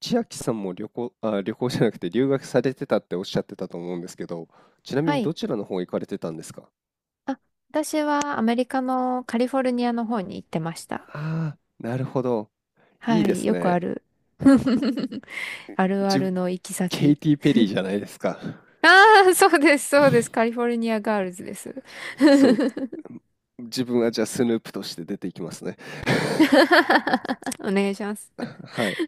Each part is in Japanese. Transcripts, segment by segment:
千秋さんも旅行、あ、旅行じゃなくて留学されてたっておっしゃってたと思うんですけど、ちなみはにどい。ちらの方行かれてたんですか？あ、私はアメリカのカリフォルニアの方に行ってました。ああー、なるほど。いいはでい。すよくあね。る。あるあ自るの行きケイ先。ティ・ペリーじゃないですか。ああ、そうです、そうです。カリフォ ルニアガールズです。そう。自分はじゃあスヌープとして出ていきますね。お願いします。はい。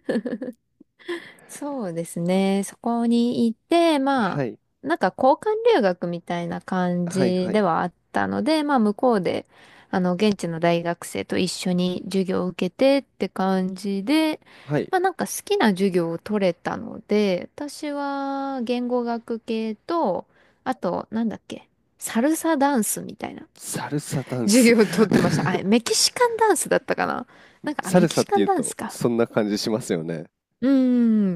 そうですね。そこにいて、まはあ、い。なんか交換留学みたいな感はい。じはでい。はあったので、まあ向こうで、現地の大学生と一緒に授業を受けてって感じで、はい。まあなんか好きな授業を取れたので、私は言語学系と、あと、なんだっけ、サルサダンスみたいな サルサダ ン授ス。業を取ってました。あ、メキシカンダンスだったかな。なん か、あ、サメルキサシっカていンうダンスと、か。そんな感じしますよね。うー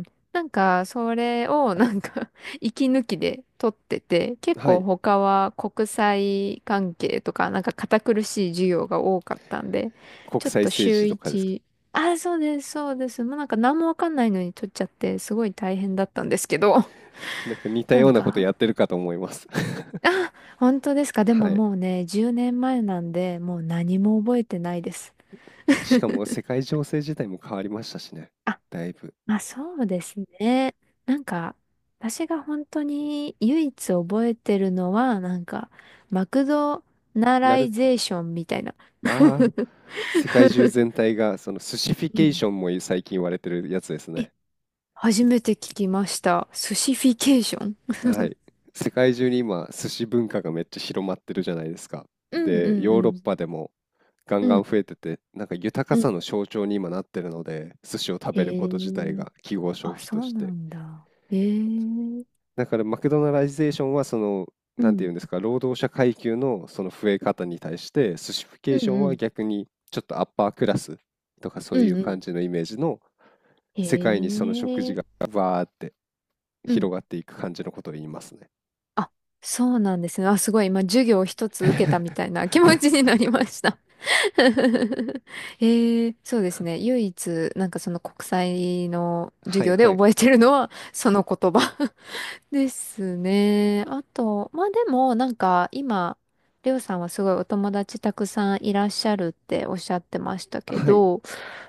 ん。なんか、それを、なんか 息抜きで撮ってて、結は構い。他は国際関係とか、なんか堅苦しい授業が多かったんで、国ちょっ際と政週治とかですか？一、あ、そうです、そうです。もうなんか何もわかんないのに撮っちゃって、すごい大変だったんですけど、なんか似たなよんうなことか、やってるかと思います。 あ、本当ですか。でもはい。もうね、10年前なんで、もう何も覚えてないです。しかも世界情勢自体も変わりましたしね。だいぶ。まあそうですね。なんか、私が本当に唯一覚えてるのは、なんか、マクドナなライる、ゼーションみたいな。ああ、世界中全体が、その寿司フィうケーん。ションも最近言われてるやつですえ、ね。初めて聞きました。スシフィケーション。はい。世界中に今、寿司文化がめっちゃ広まってるじゃないですか。うんうで、んうヨーロッん。パでもガンうガンん増えてて、なんか豊かうさん。の象徴に今なってるので、寿司を食へべること自体え。が記号消あ、費そとうしなて。んだ。へえ。うだからマクドナライゼーションはその、なんていうん。んですか、労働者階級のその増え方に対して、スシフィケうーショんンうはん。逆にちょっとアッパークラスとかそうういんうう感ん。じのイメージの世界にへその食事え。がわーってう広ん。がっていく感じのことを言いますね。あ、そうなんですね。あ、すごい。今、授業を一つ受けたみた いな 気持ちになりました。そうですね。唯一、なんかその国際の授はい業ではい。覚えてるのは、その言葉 ですね。あと、まあでも、なんか今、りょうさんはすごいお友達たくさんいらっしゃるっておっしゃってましたけはいど、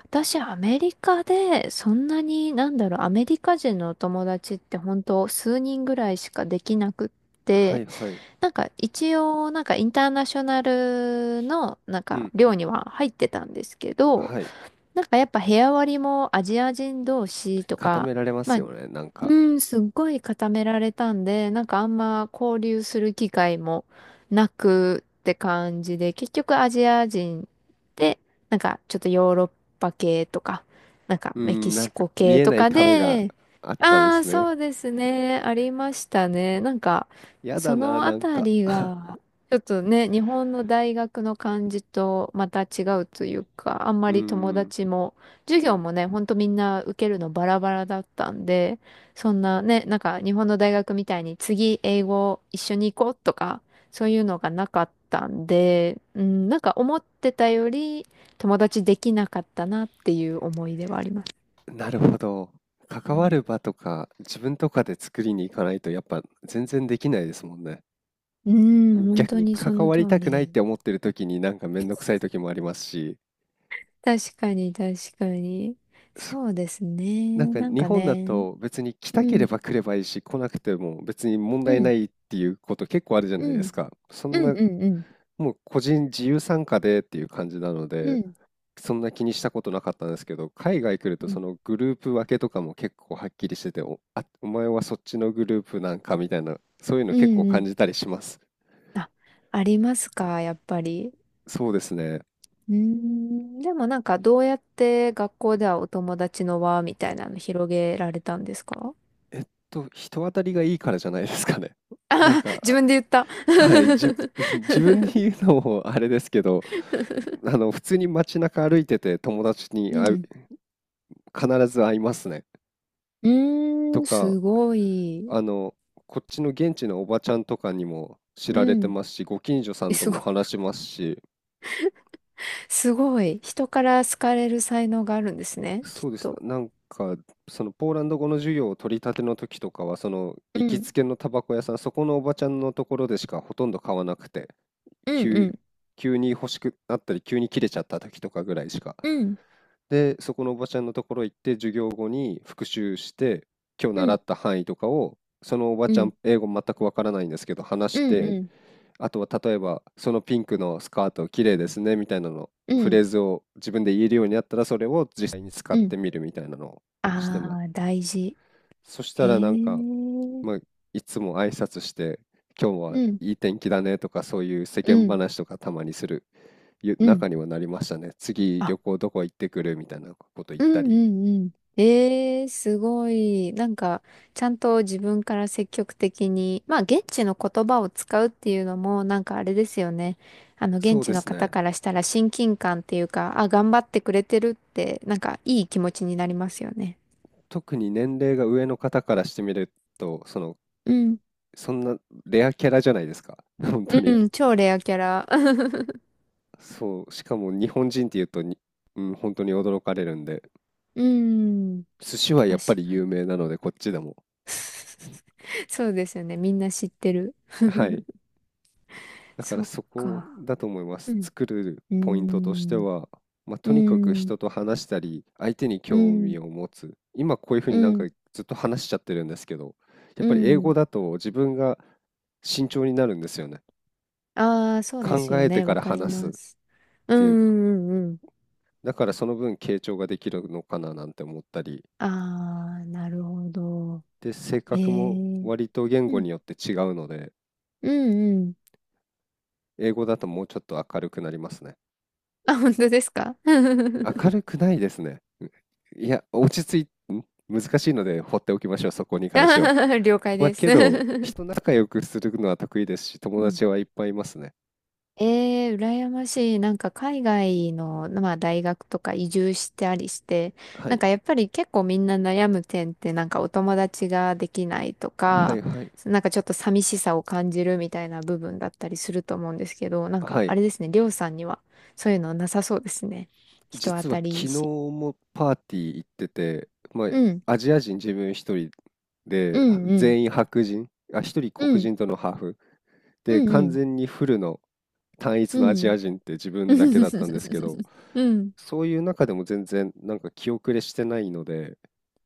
私アメリカでそんなになんだろう、アメリカ人のお友達って本当数人ぐらいしかできなくっはて、いはい。なんか一応、なんかインターナショナルの、なんうかんう寮ん。には入ってたんですけど、はい。なんかやっぱ部屋割りもアジア人同士と固か、められままあすよね、なんか。うん、すっごい固められたんで、なんかあんま交流する機会もなくって感じで、結局アジア人で、なんかちょっとヨーロッパ系とか、なんかうーメキん、なんシかコ見系えとないか壁がで、あったんであすあ、ね。そうですね、ありましたね。なんか、やだそな、のあなんたか。 りが、ちょっとね、日本の大学の感じとまた違うというか、あんまうーり友ん。達も、授業もね、ほんとみんな受けるのバラバラだったんで、そんなね、なんか日本の大学みたいに次英語一緒に行こうとか、そういうのがなかったんで、うん、なんか思ってたより友達できなかったなっていう思い出はあります。なるほど。関わる場とか自分とかで作りに行かないとやっぱ全然できないですもんね。うん、本逆当ににそ関のわ通りたくりないっで。て思ってる時になんかめんどくさい時もありますし、確かに確かに。そそうですね。なんかなん日か本だね。と別に来たうけん、れば来ればいいし来なくても別に問う題なん、いっていうこと結構あるじゃうないでん、すか。そうんん、なうん、うん、もう個人自由参加でっていう感じなのうで、ん、そんな気にしたことなかったんですけど、海外来るとうそん、のグループ分けとかも結構はっきりしてて、お、あ、お前はそっちのグループなんかみたいな、そういうのう結構ん。う感ん。じたりします。あ、ありますか、やっぱり。そうですね。うーん、でもなんかどうやって学校ではお友達の輪みたいなの広げられたんですか。 人当たりがいいからじゃないですかね。なん 自か、分で言った。あはい、自分で言うのもあれですけど、あの、普通に街中歩いてて友達にう会う、ん。必ず会いますね。うーとん、か、すごい。あの、こっちの現地のおばちゃんとかにも知うられてん。ますし、ご近所さえ、んとすもご、話しますし、すごい。人から好かれる才能があるんですね、きっそうです。と。なんか、そのポーランド語の授業を取り立ての時とかは、そのう行きん。つけのタバコ屋さん、そこのおばちゃんのところでしかほとんど買わなくて、うんう急、ん。急に欲しくなったり、急に切れちゃった時とかぐらいしか。うん。で、そこのおばちゃんのところ行って、授業後に復習して、今日う習ん。った範囲とかを、そのおばうちゃん。ん、英語全くわからないんですけど、話うしんて、うん。あとは例えば、そのピンクのスカート綺麗ですねみたいなの、うフレーん。ズを自分で言えるようになったら、それを実際に使っうてん。みるみたいなのをしてあまあす。大事。そしたへらえ。なんか、うん。まあ、いつも挨拶して、今日はいい天気だねとか、そういう世う間ん。話とかたまにするゆうん。中にはなりましたね。次あ、旅行どこ行ってくるみたいなこと言っうたんうんり。うん。えー、すごい。なんか、ちゃんと自分から積極的に、まあ、現地の言葉を使うっていうのも、なんかあれですよね。そ現う地でのす方ね。からしたら親近感っていうか、あ、頑張ってくれてるって、なんか、いい気持ちになりますよね。特に年齢が上の方からしてみると、その、うん。そんなレアキャラじゃないですか。本当に。うん、超レアキャラ。そう、しかも日本人っていうと、うん、本当に驚かれるんで、うん、寿司はやっぱ確りか有に。名なので、こっちでも。そうですよね。みんな知ってる。はい。だからそっそこか。だと思いまうす。ん。作るうーポイントとしてん。は、まあ、うとーにかくん。人と話したり、相手にう興ーん。味を持つ。今こういう風うになんかん、ずっと話しちゃってるんですけど、やっうぱり英ん。語だと自分が慎重になるんですよね。ああ、そうで考すよえてね。かわらかり話す。ます。うん、うていうか、ん、うんうん。だからその分傾聴ができるのかななんて思ったり、ああ、なるほど。で、性へ格もえ。割と言う語ん、によって違うので、うん、うん。英語だともうちょっと明るくなりますね。あ、本当ですか。 明るくないですね。いや、落ち着い、ん難しいので放っておきましょう、そこに 関しては。了解まあ、です。 けど、人仲良くするのは得意ですし、友うん。達はいっぱいいますね。ええー羨ましい。なんか海外の、まあ、大学とか移住してありして、はなんい。かやっぱり結構みんな悩む点ってなんかお友達ができないとはいか、はい。なんかちょっと寂しさを感じるみたいな部分だったりすると思うんですけど、なんかはあい。れですね、りょうさんにはそういうのなさそうですね。人当実はたりいい昨日し。もパーティー行ってて、まあ、うん、アジア人自分一人うで、ん、うん、全員白人、あ、一人う黒ん、人とのハーフ。うで、完ん、全にフルの単一うのアジん、ア人って自うん。分だけだったんですけ ど、うん。そういう中でも全然なんか気後れしてないので、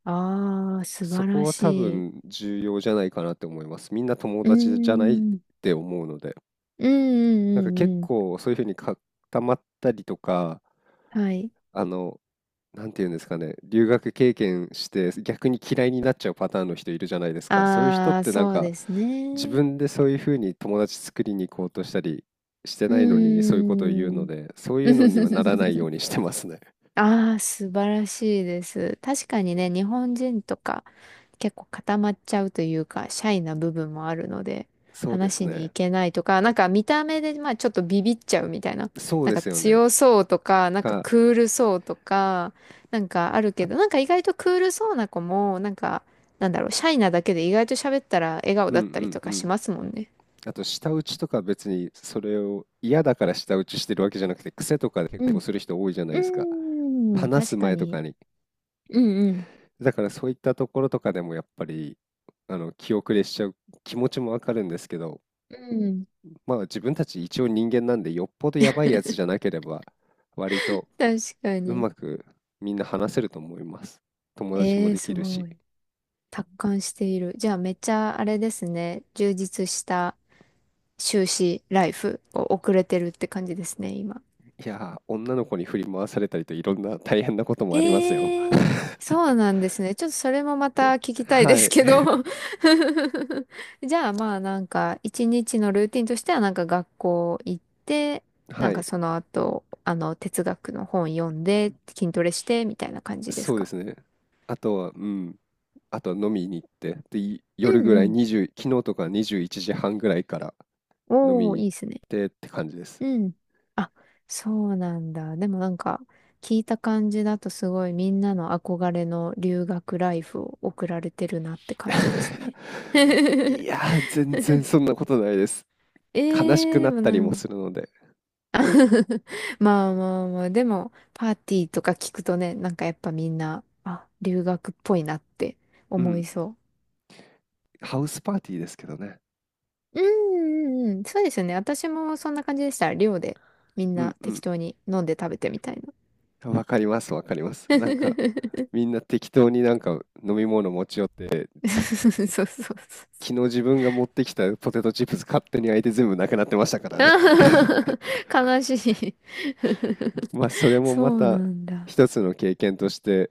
ああ、素そ晴らこはし多い。分重要じゃないかなって思います。みんな友うー達じゃないっん。て思うので、うんうなんかんう結んうん。構そういうふうに固まったりとか、はい。あの、なんていうんですかね、留学経験して逆に嫌いになっちゃうパターンの人いるじゃないですか。そういう人っああ、てなんそうかです自ね。分でそういうふうに友達作りに行こうとしたりしてうないのにそういうことを言うーのん。で、そういうのにはならないように してますね。ああ、素晴らしいです。確かにね、日本人とか結構固まっちゃうというか、シャイな部分もあるので、そうで話すしにね。行けないとか、なんか見た目で、まあちょっとビビっちゃうみたいな。そうなんでかすよね。強そうとか、なんかか、クールそうとか、なんかあるけど、なんか意外とクールそうな子も、なんか、なんだろう、シャイなだけで意外と喋ったら笑顔うだんったりとうかんうしん。ますもんね。あと舌打ちとか別にそれを嫌だから舌打ちしてるわけじゃなくて癖とかでう結構ん。する人多いじゃないですか。うーん、話す確か前とに。かに、うんうん。だからそういったところとかでもやっぱりあの気後れしちゃう気持ちもわかるんですけど、うん、まあ自分たち一応人間なんでよっぽどやばいやつじゃなければ割と確かうまに。くみんな話せると思います。友達えもえー、できするごし。い。達観している。じゃあめっちゃあれですね。充実した修士ライフを送れてるって感じですね、今。いやー、女の子に振り回されたりといろんな大変なこともありますよ。えー、そうなんですね。ちょっとそれもまた聞 きたいではすい。けど。 じゃあまあなんか一日のルーティンとしてはなんか学校行って、なはんかい。その後、あの哲学の本読んで、筋トレしてみたいな感じですそうでか。すね。あとは、うん。あとは飲みに行って、で、う夜んぐうらいん。20、昨日とか21時半ぐらいから飲みおにー、行いいっっすね。てって感じです。うん。あ、そうなんだ。でもなんか、聞いた感じだとすごいみんなの憧れの留学ライフを送られてるなって感じです ね。いやー、全然そんなことないです。え悲しくー、でなっもたなりもん するので。まあまあまあ、でも、パーティーとか聞くとね、なんかやっぱみんな、あ、留学っぽいなってう思ん、いそハウスパーティーですけどね。う。うんうんうん、そうですよね。私もそんな感じでした。寮でみんうなんう適ん。当に飲んで食べてみたいな。わかります、わかります。なんか、みんな適当になんか飲み物持ち寄って、そうそうそう。昨日自分が持ってきたポテトチップス勝手に開いて全部なくなってましたからね。悲しい。まあそれもまそうなたんだ。一つの経験として、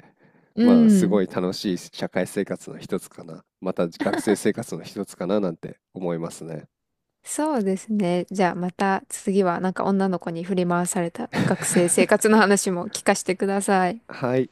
うまあすごん。い楽しい社会生活の一つかな、また学生生活の一つかななんて思いますね。 そうですね。じゃあまた次はなんか女の子に振り回された学生生 活の話も聞かせてください。はい。